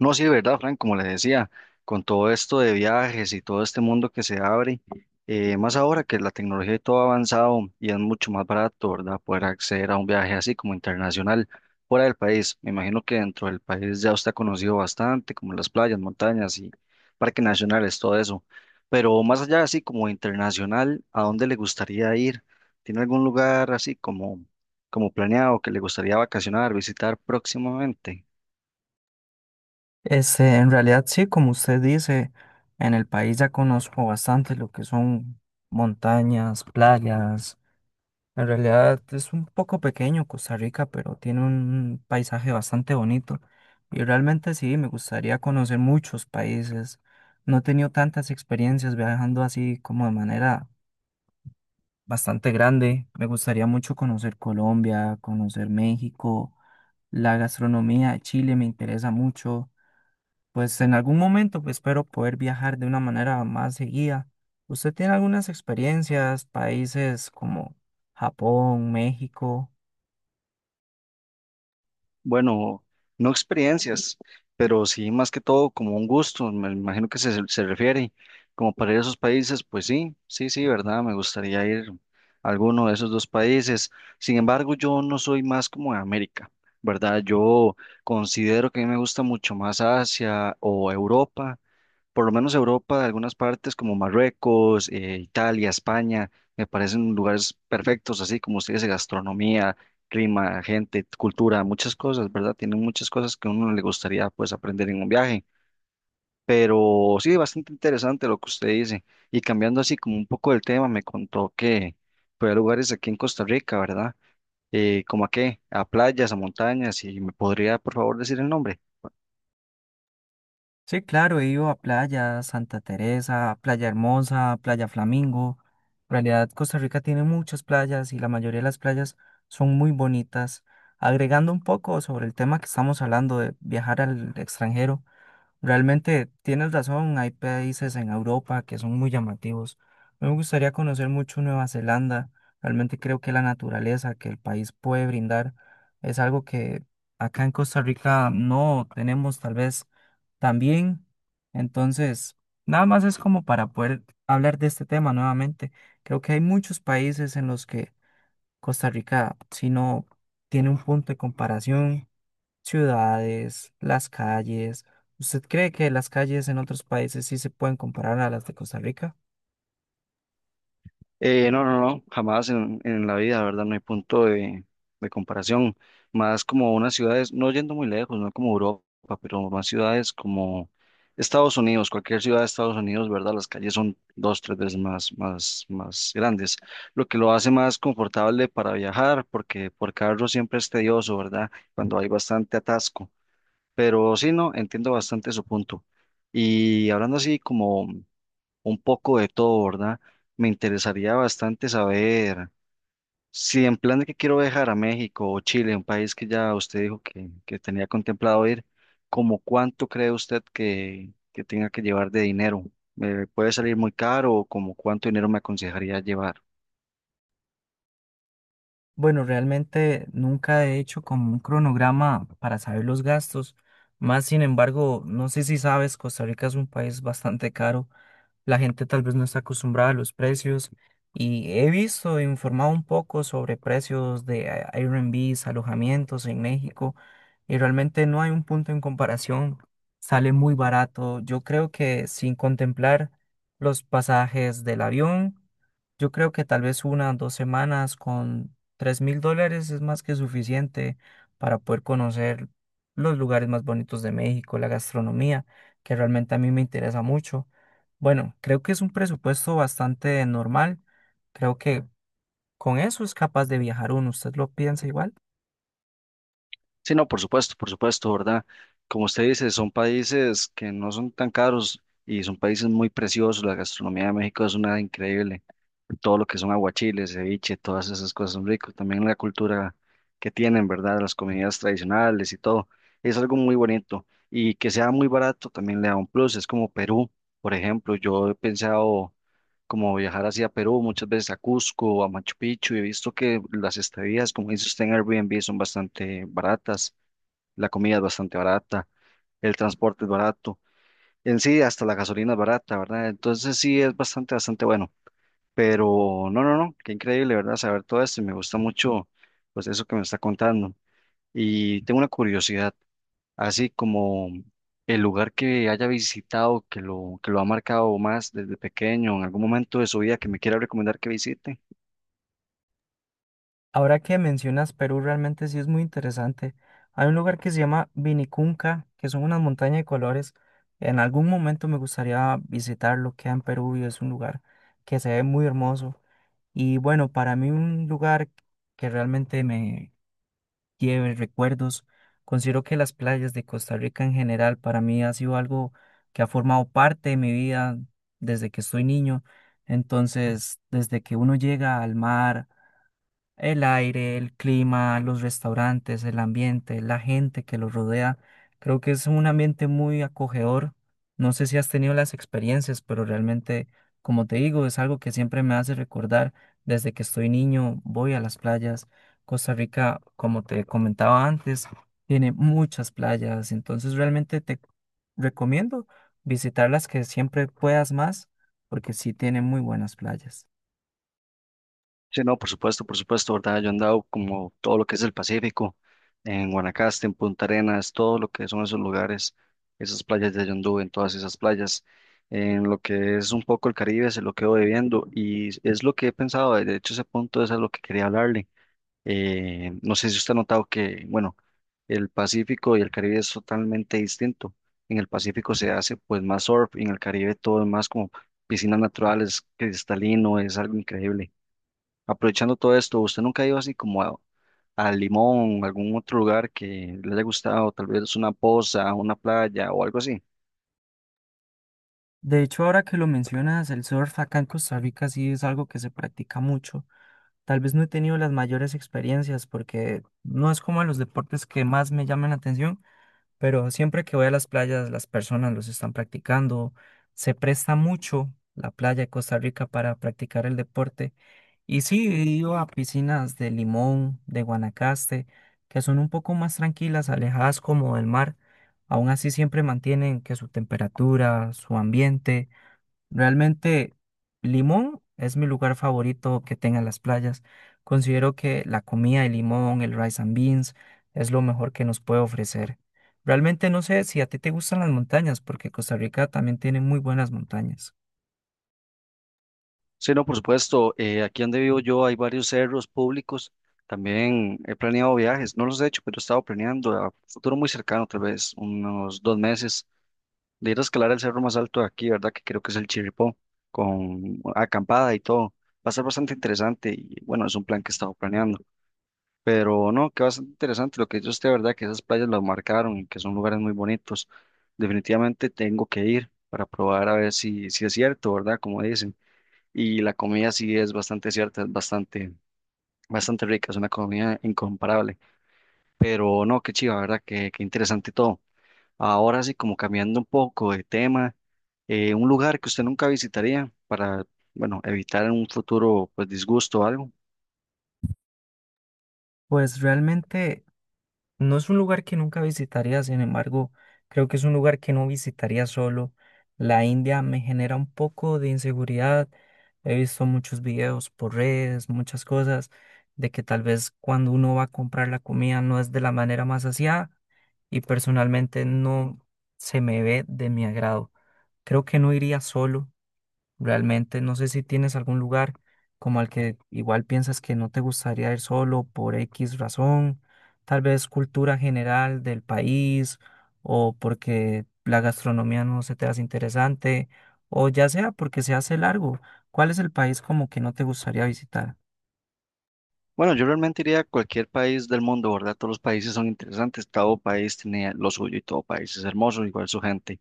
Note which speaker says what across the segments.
Speaker 1: No, sí, de verdad, Frank, como les decía, con todo esto de viajes y todo este mundo que se abre, más ahora que la tecnología y todo ha avanzado y es mucho más barato, ¿verdad? Poder acceder a un viaje así como internacional fuera del país. Me imagino que dentro del país ya usted ha conocido bastante, como las playas, montañas y parques nacionales, todo eso. Pero más allá así como internacional, ¿a dónde le gustaría ir? ¿Tiene algún lugar así como, como planeado que le gustaría vacacionar, visitar próximamente?
Speaker 2: En realidad sí, como usted dice, en el país ya conozco bastante lo que son montañas, playas. En realidad es un poco pequeño Costa Rica, pero tiene un paisaje bastante bonito. Y realmente sí, me gustaría conocer muchos países. No he tenido tantas experiencias viajando así como de manera bastante grande. Me gustaría mucho conocer Colombia, conocer México, la gastronomía de Chile me interesa mucho. Pues en algún momento pues, espero poder viajar de una manera más seguida. ¿Usted tiene algunas experiencias, países como Japón, México?
Speaker 1: Bueno, no experiencias, pero sí más que todo como un gusto, me imagino que se refiere, como para ir a esos países, pues sí, sí, sí, ¿verdad? Me gustaría ir a alguno de esos dos países. Sin embargo, yo no soy más como de América, ¿verdad? Yo considero que a mí me gusta mucho más Asia o Europa, por lo menos Europa, algunas partes como Marruecos, Italia, España, me parecen lugares perfectos, así como ustedes, gastronomía, clima, gente, cultura, muchas cosas, ¿verdad? Tienen muchas cosas que a uno le gustaría pues aprender en un viaje. Pero sí, bastante interesante lo que usted dice. Y cambiando así como un poco el tema, me contó que fue a lugares aquí en Costa Rica, ¿verdad? ¿Cómo a qué? A playas, a montañas, y me podría por favor decir el nombre.
Speaker 2: Sí, claro, he ido a playa Santa Teresa, Playa Hermosa, Playa Flamingo. En realidad, Costa Rica tiene muchas playas y la mayoría de las playas son muy bonitas. Agregando un poco sobre el tema que estamos hablando de viajar al extranjero, realmente tienes razón, hay países en Europa que son muy llamativos. Me gustaría conocer mucho Nueva Zelanda. Realmente creo que la naturaleza que el país puede brindar es algo que acá en Costa Rica no tenemos tal vez tan bien. Entonces, nada más es como para poder hablar de este tema nuevamente. Creo que hay muchos países en los que Costa Rica, si no tiene un punto de comparación ciudades, las calles. ¿Usted cree que las calles en otros países sí se pueden comparar a las de Costa Rica?
Speaker 1: No, no, no, jamás en la vida, ¿verdad? No hay punto de comparación. Más como unas ciudades, no yendo muy lejos, no como Europa, pero más ciudades como Estados Unidos, cualquier ciudad de Estados Unidos, ¿verdad? Las calles son dos, tres veces más grandes, lo que lo hace más confortable para viajar, porque por carro siempre es tedioso, ¿verdad? Cuando hay bastante atasco. Pero sí, no, entiendo bastante su punto. Y hablando así como un poco de todo, ¿verdad? Me interesaría bastante saber si en plan de que quiero viajar a México o Chile, un país que ya usted dijo que tenía contemplado ir, ¿como cuánto cree usted que tenga que llevar de dinero? ¿Me puede salir muy caro o como cuánto dinero me aconsejaría llevar?
Speaker 2: Bueno, realmente nunca he hecho como un cronograma para saber los gastos. Más sin embargo, no sé si sabes, Costa Rica es un país bastante caro. La gente tal vez no está acostumbrada a los precios. Y he visto, e informado un poco sobre precios de Airbnbs, alojamientos en México. Y realmente no hay un punto en comparación. Sale muy barato. Yo creo que sin contemplar los pasajes del avión. Yo creo que tal vez unas 2 semanas con $3.000 es más que suficiente para poder conocer los lugares más bonitos de México, la gastronomía, que realmente a mí me interesa mucho. Bueno, creo que es un presupuesto bastante normal. Creo que con eso es capaz de viajar uno. ¿Usted lo piensa igual?
Speaker 1: Sí, no, por supuesto, ¿verdad? Como usted dice, son países que no son tan caros y son países muy preciosos. La gastronomía de México es una increíble. Todo lo que son aguachiles, ceviche, todas esas cosas son ricos. También la cultura que tienen, ¿verdad? Las comidas tradicionales y todo. Es algo muy bonito. Y que sea muy barato también le da un plus. Es como Perú, por ejemplo. Yo he pensado como viajar hacia Perú muchas veces a Cusco, a Machu Picchu. Y he visto que las estadías, como dice usted en Airbnb, son bastante baratas, la comida es bastante barata, el transporte es barato, en sí hasta la gasolina es barata, ¿verdad? Entonces sí es bastante, bastante bueno. Pero no, qué increíble, ¿verdad? Saber todo esto y me gusta mucho, pues eso que me está contando. Y tengo una curiosidad, así como el lugar que haya visitado, que lo ha marcado más desde pequeño, en algún momento de su vida que me quiera recomendar que visite.
Speaker 2: Ahora que mencionas Perú, realmente sí es muy interesante. Hay un lugar que se llama Vinicunca, que son unas montañas de colores. En algún momento me gustaría visitarlo, queda en Perú y es un lugar que se ve muy hermoso. Y bueno, para mí un lugar que realmente me lleve recuerdos, considero que las playas de Costa Rica en general para mí ha sido algo que ha formado parte de mi vida desde que estoy niño. Entonces, desde que uno llega al mar, el aire, el clima, los restaurantes, el ambiente, la gente que los rodea. Creo que es un ambiente muy acogedor. No sé si has tenido las experiencias, pero realmente, como te digo, es algo que siempre me hace recordar. Desde que estoy niño, voy a las playas. Costa Rica, como te comentaba antes, tiene muchas playas. Entonces, realmente te recomiendo visitar las que siempre puedas más, porque sí tiene muy buenas playas.
Speaker 1: Sí, no, por supuesto, ¿verdad? Yo he andado como todo lo que es el Pacífico, en Guanacaste, en Punta Arenas, todo lo que son esos lugares, esas playas de Yondú, en todas esas playas, en lo que es un poco el Caribe, se lo quedo debiendo y es lo que he pensado, de hecho ese punto es a lo que quería hablarle. No sé si usted ha notado que, bueno, el Pacífico y el Caribe es totalmente distinto. En el Pacífico se hace pues más surf, y en el Caribe todo es más como piscinas naturales, cristalino, es algo increíble. Aprovechando todo esto, ¿usted nunca ha ido así como a Limón, algún otro lugar que le haya gustado? Tal vez una poza, una playa o algo así.
Speaker 2: De hecho, ahora que lo mencionas, el surf acá en Costa Rica sí es algo que se practica mucho. Tal vez no he tenido las mayores experiencias porque no es como de los deportes que más me llaman la atención, pero siempre que voy a las playas, las personas los están practicando. Se presta mucho la playa de Costa Rica para practicar el deporte. Y sí, he ido a piscinas de Limón, de Guanacaste, que son un poco más tranquilas, alejadas como del mar. Aún así siempre mantienen que su temperatura, su ambiente. Realmente Limón es mi lugar favorito que tenga las playas. Considero que la comida de Limón, el rice and beans, es lo mejor que nos puede ofrecer. Realmente no sé si a ti te gustan las montañas, porque Costa Rica también tiene muy buenas montañas.
Speaker 1: Sí, no, por supuesto. Aquí donde vivo yo hay varios cerros públicos. También he planeado viajes, no los he hecho, pero he estado planeando a futuro muy cercano, tal vez unos dos meses, de ir a escalar el cerro más alto de aquí, ¿verdad? Que creo que es el Chirripó, con acampada y todo. Va a ser bastante interesante y bueno, es un plan que he estado planeando. Pero no, que bastante interesante lo que dice usted, ¿verdad? Que esas playas las marcaron y que son lugares muy bonitos. Definitivamente tengo que ir para probar a ver si es cierto, ¿verdad? Como dicen. Y la comida sí es bastante cierta, es bastante, bastante rica, es una comida incomparable. Pero no, qué chiva, ¿verdad? Qué interesante todo. Ahora sí, como cambiando un poco de tema, un lugar que usted nunca visitaría para, bueno, evitar en un futuro, pues, disgusto o algo.
Speaker 2: Pues realmente no es un lugar que nunca visitaría, sin embargo, creo que es un lugar que no visitaría solo. La India me genera un poco de inseguridad. He visto muchos videos por redes, muchas cosas, de que tal vez cuando uno va a comprar la comida no es de la manera más aseada y personalmente no se me ve de mi agrado. Creo que no iría solo. Realmente no sé si tienes algún lugar como al que igual piensas que no te gustaría ir solo por X razón, tal vez cultura general del país o porque la gastronomía no se te hace interesante o ya sea porque se hace largo. ¿Cuál es el país como que no te gustaría visitar?
Speaker 1: Bueno, yo realmente iría a cualquier país del mundo, ¿verdad? Todos los países son interesantes, todo país tiene lo suyo y todo país es hermoso, igual su gente.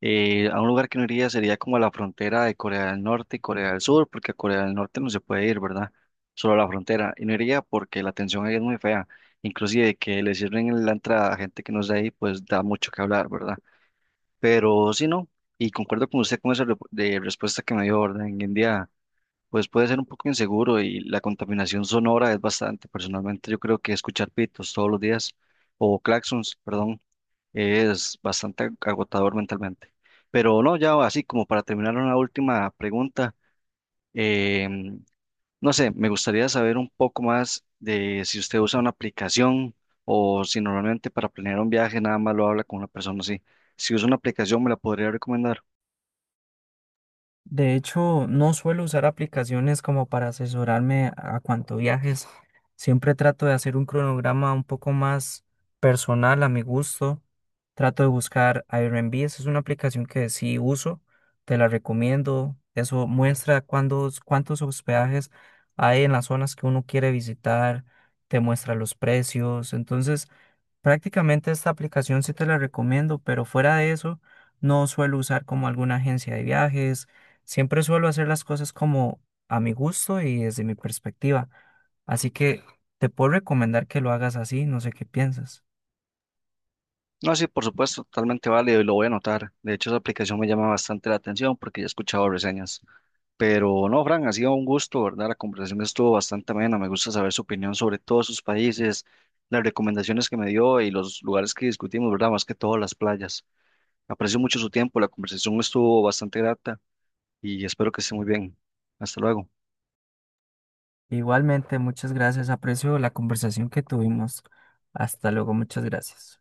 Speaker 1: A un lugar que no iría sería como a la frontera de Corea del Norte y Corea del Sur, porque a Corea del Norte no se puede ir, ¿verdad? Solo a la frontera. Y no iría porque la atención ahí es muy fea. Inclusive que le cierren la entrada a gente que no es de ahí, pues da mucho que hablar, ¿verdad? Pero sí, no. Y concuerdo con usted con esa de respuesta que me dio, ¿verdad? En India pues puede ser un poco inseguro y la contaminación sonora es bastante. Personalmente yo creo que escuchar pitos todos los días o claxons, perdón, es bastante agotador mentalmente. Pero no, ya así como para terminar una última pregunta, eh, no sé, me gustaría saber un poco más de si usted usa una aplicación o si normalmente para planear un viaje nada más lo habla con una persona así. Si usa una aplicación, ¿me la podría recomendar?
Speaker 2: De hecho, no suelo usar aplicaciones como para asesorarme a cuanto viajes. Siempre trato de hacer un cronograma un poco más personal a mi gusto. Trato de buscar Airbnb. Esa es una aplicación que sí uso. Te la recomiendo. Eso muestra cuántos hospedajes hay en las zonas que uno quiere visitar. Te muestra los precios. Entonces, prácticamente esta aplicación sí te la recomiendo, pero fuera de eso, no suelo usar como alguna agencia de viajes. Siempre suelo hacer las cosas como a mi gusto y desde mi perspectiva. Así que te puedo recomendar que lo hagas así, no sé qué piensas.
Speaker 1: No, sí, por supuesto, totalmente válido y lo voy a anotar. De hecho, esa aplicación me llama bastante la atención porque ya he escuchado reseñas. Pero no, Fran, ha sido un gusto, ¿verdad? La conversación estuvo bastante amena. Me gusta saber su opinión sobre todos sus países, las recomendaciones que me dio y los lugares que discutimos, ¿verdad? Más que todo las playas. Aprecio mucho su tiempo, la conversación estuvo bastante grata y espero que esté muy bien. Hasta luego.
Speaker 2: Igualmente, muchas gracias. Aprecio la conversación que tuvimos. Hasta luego, muchas gracias.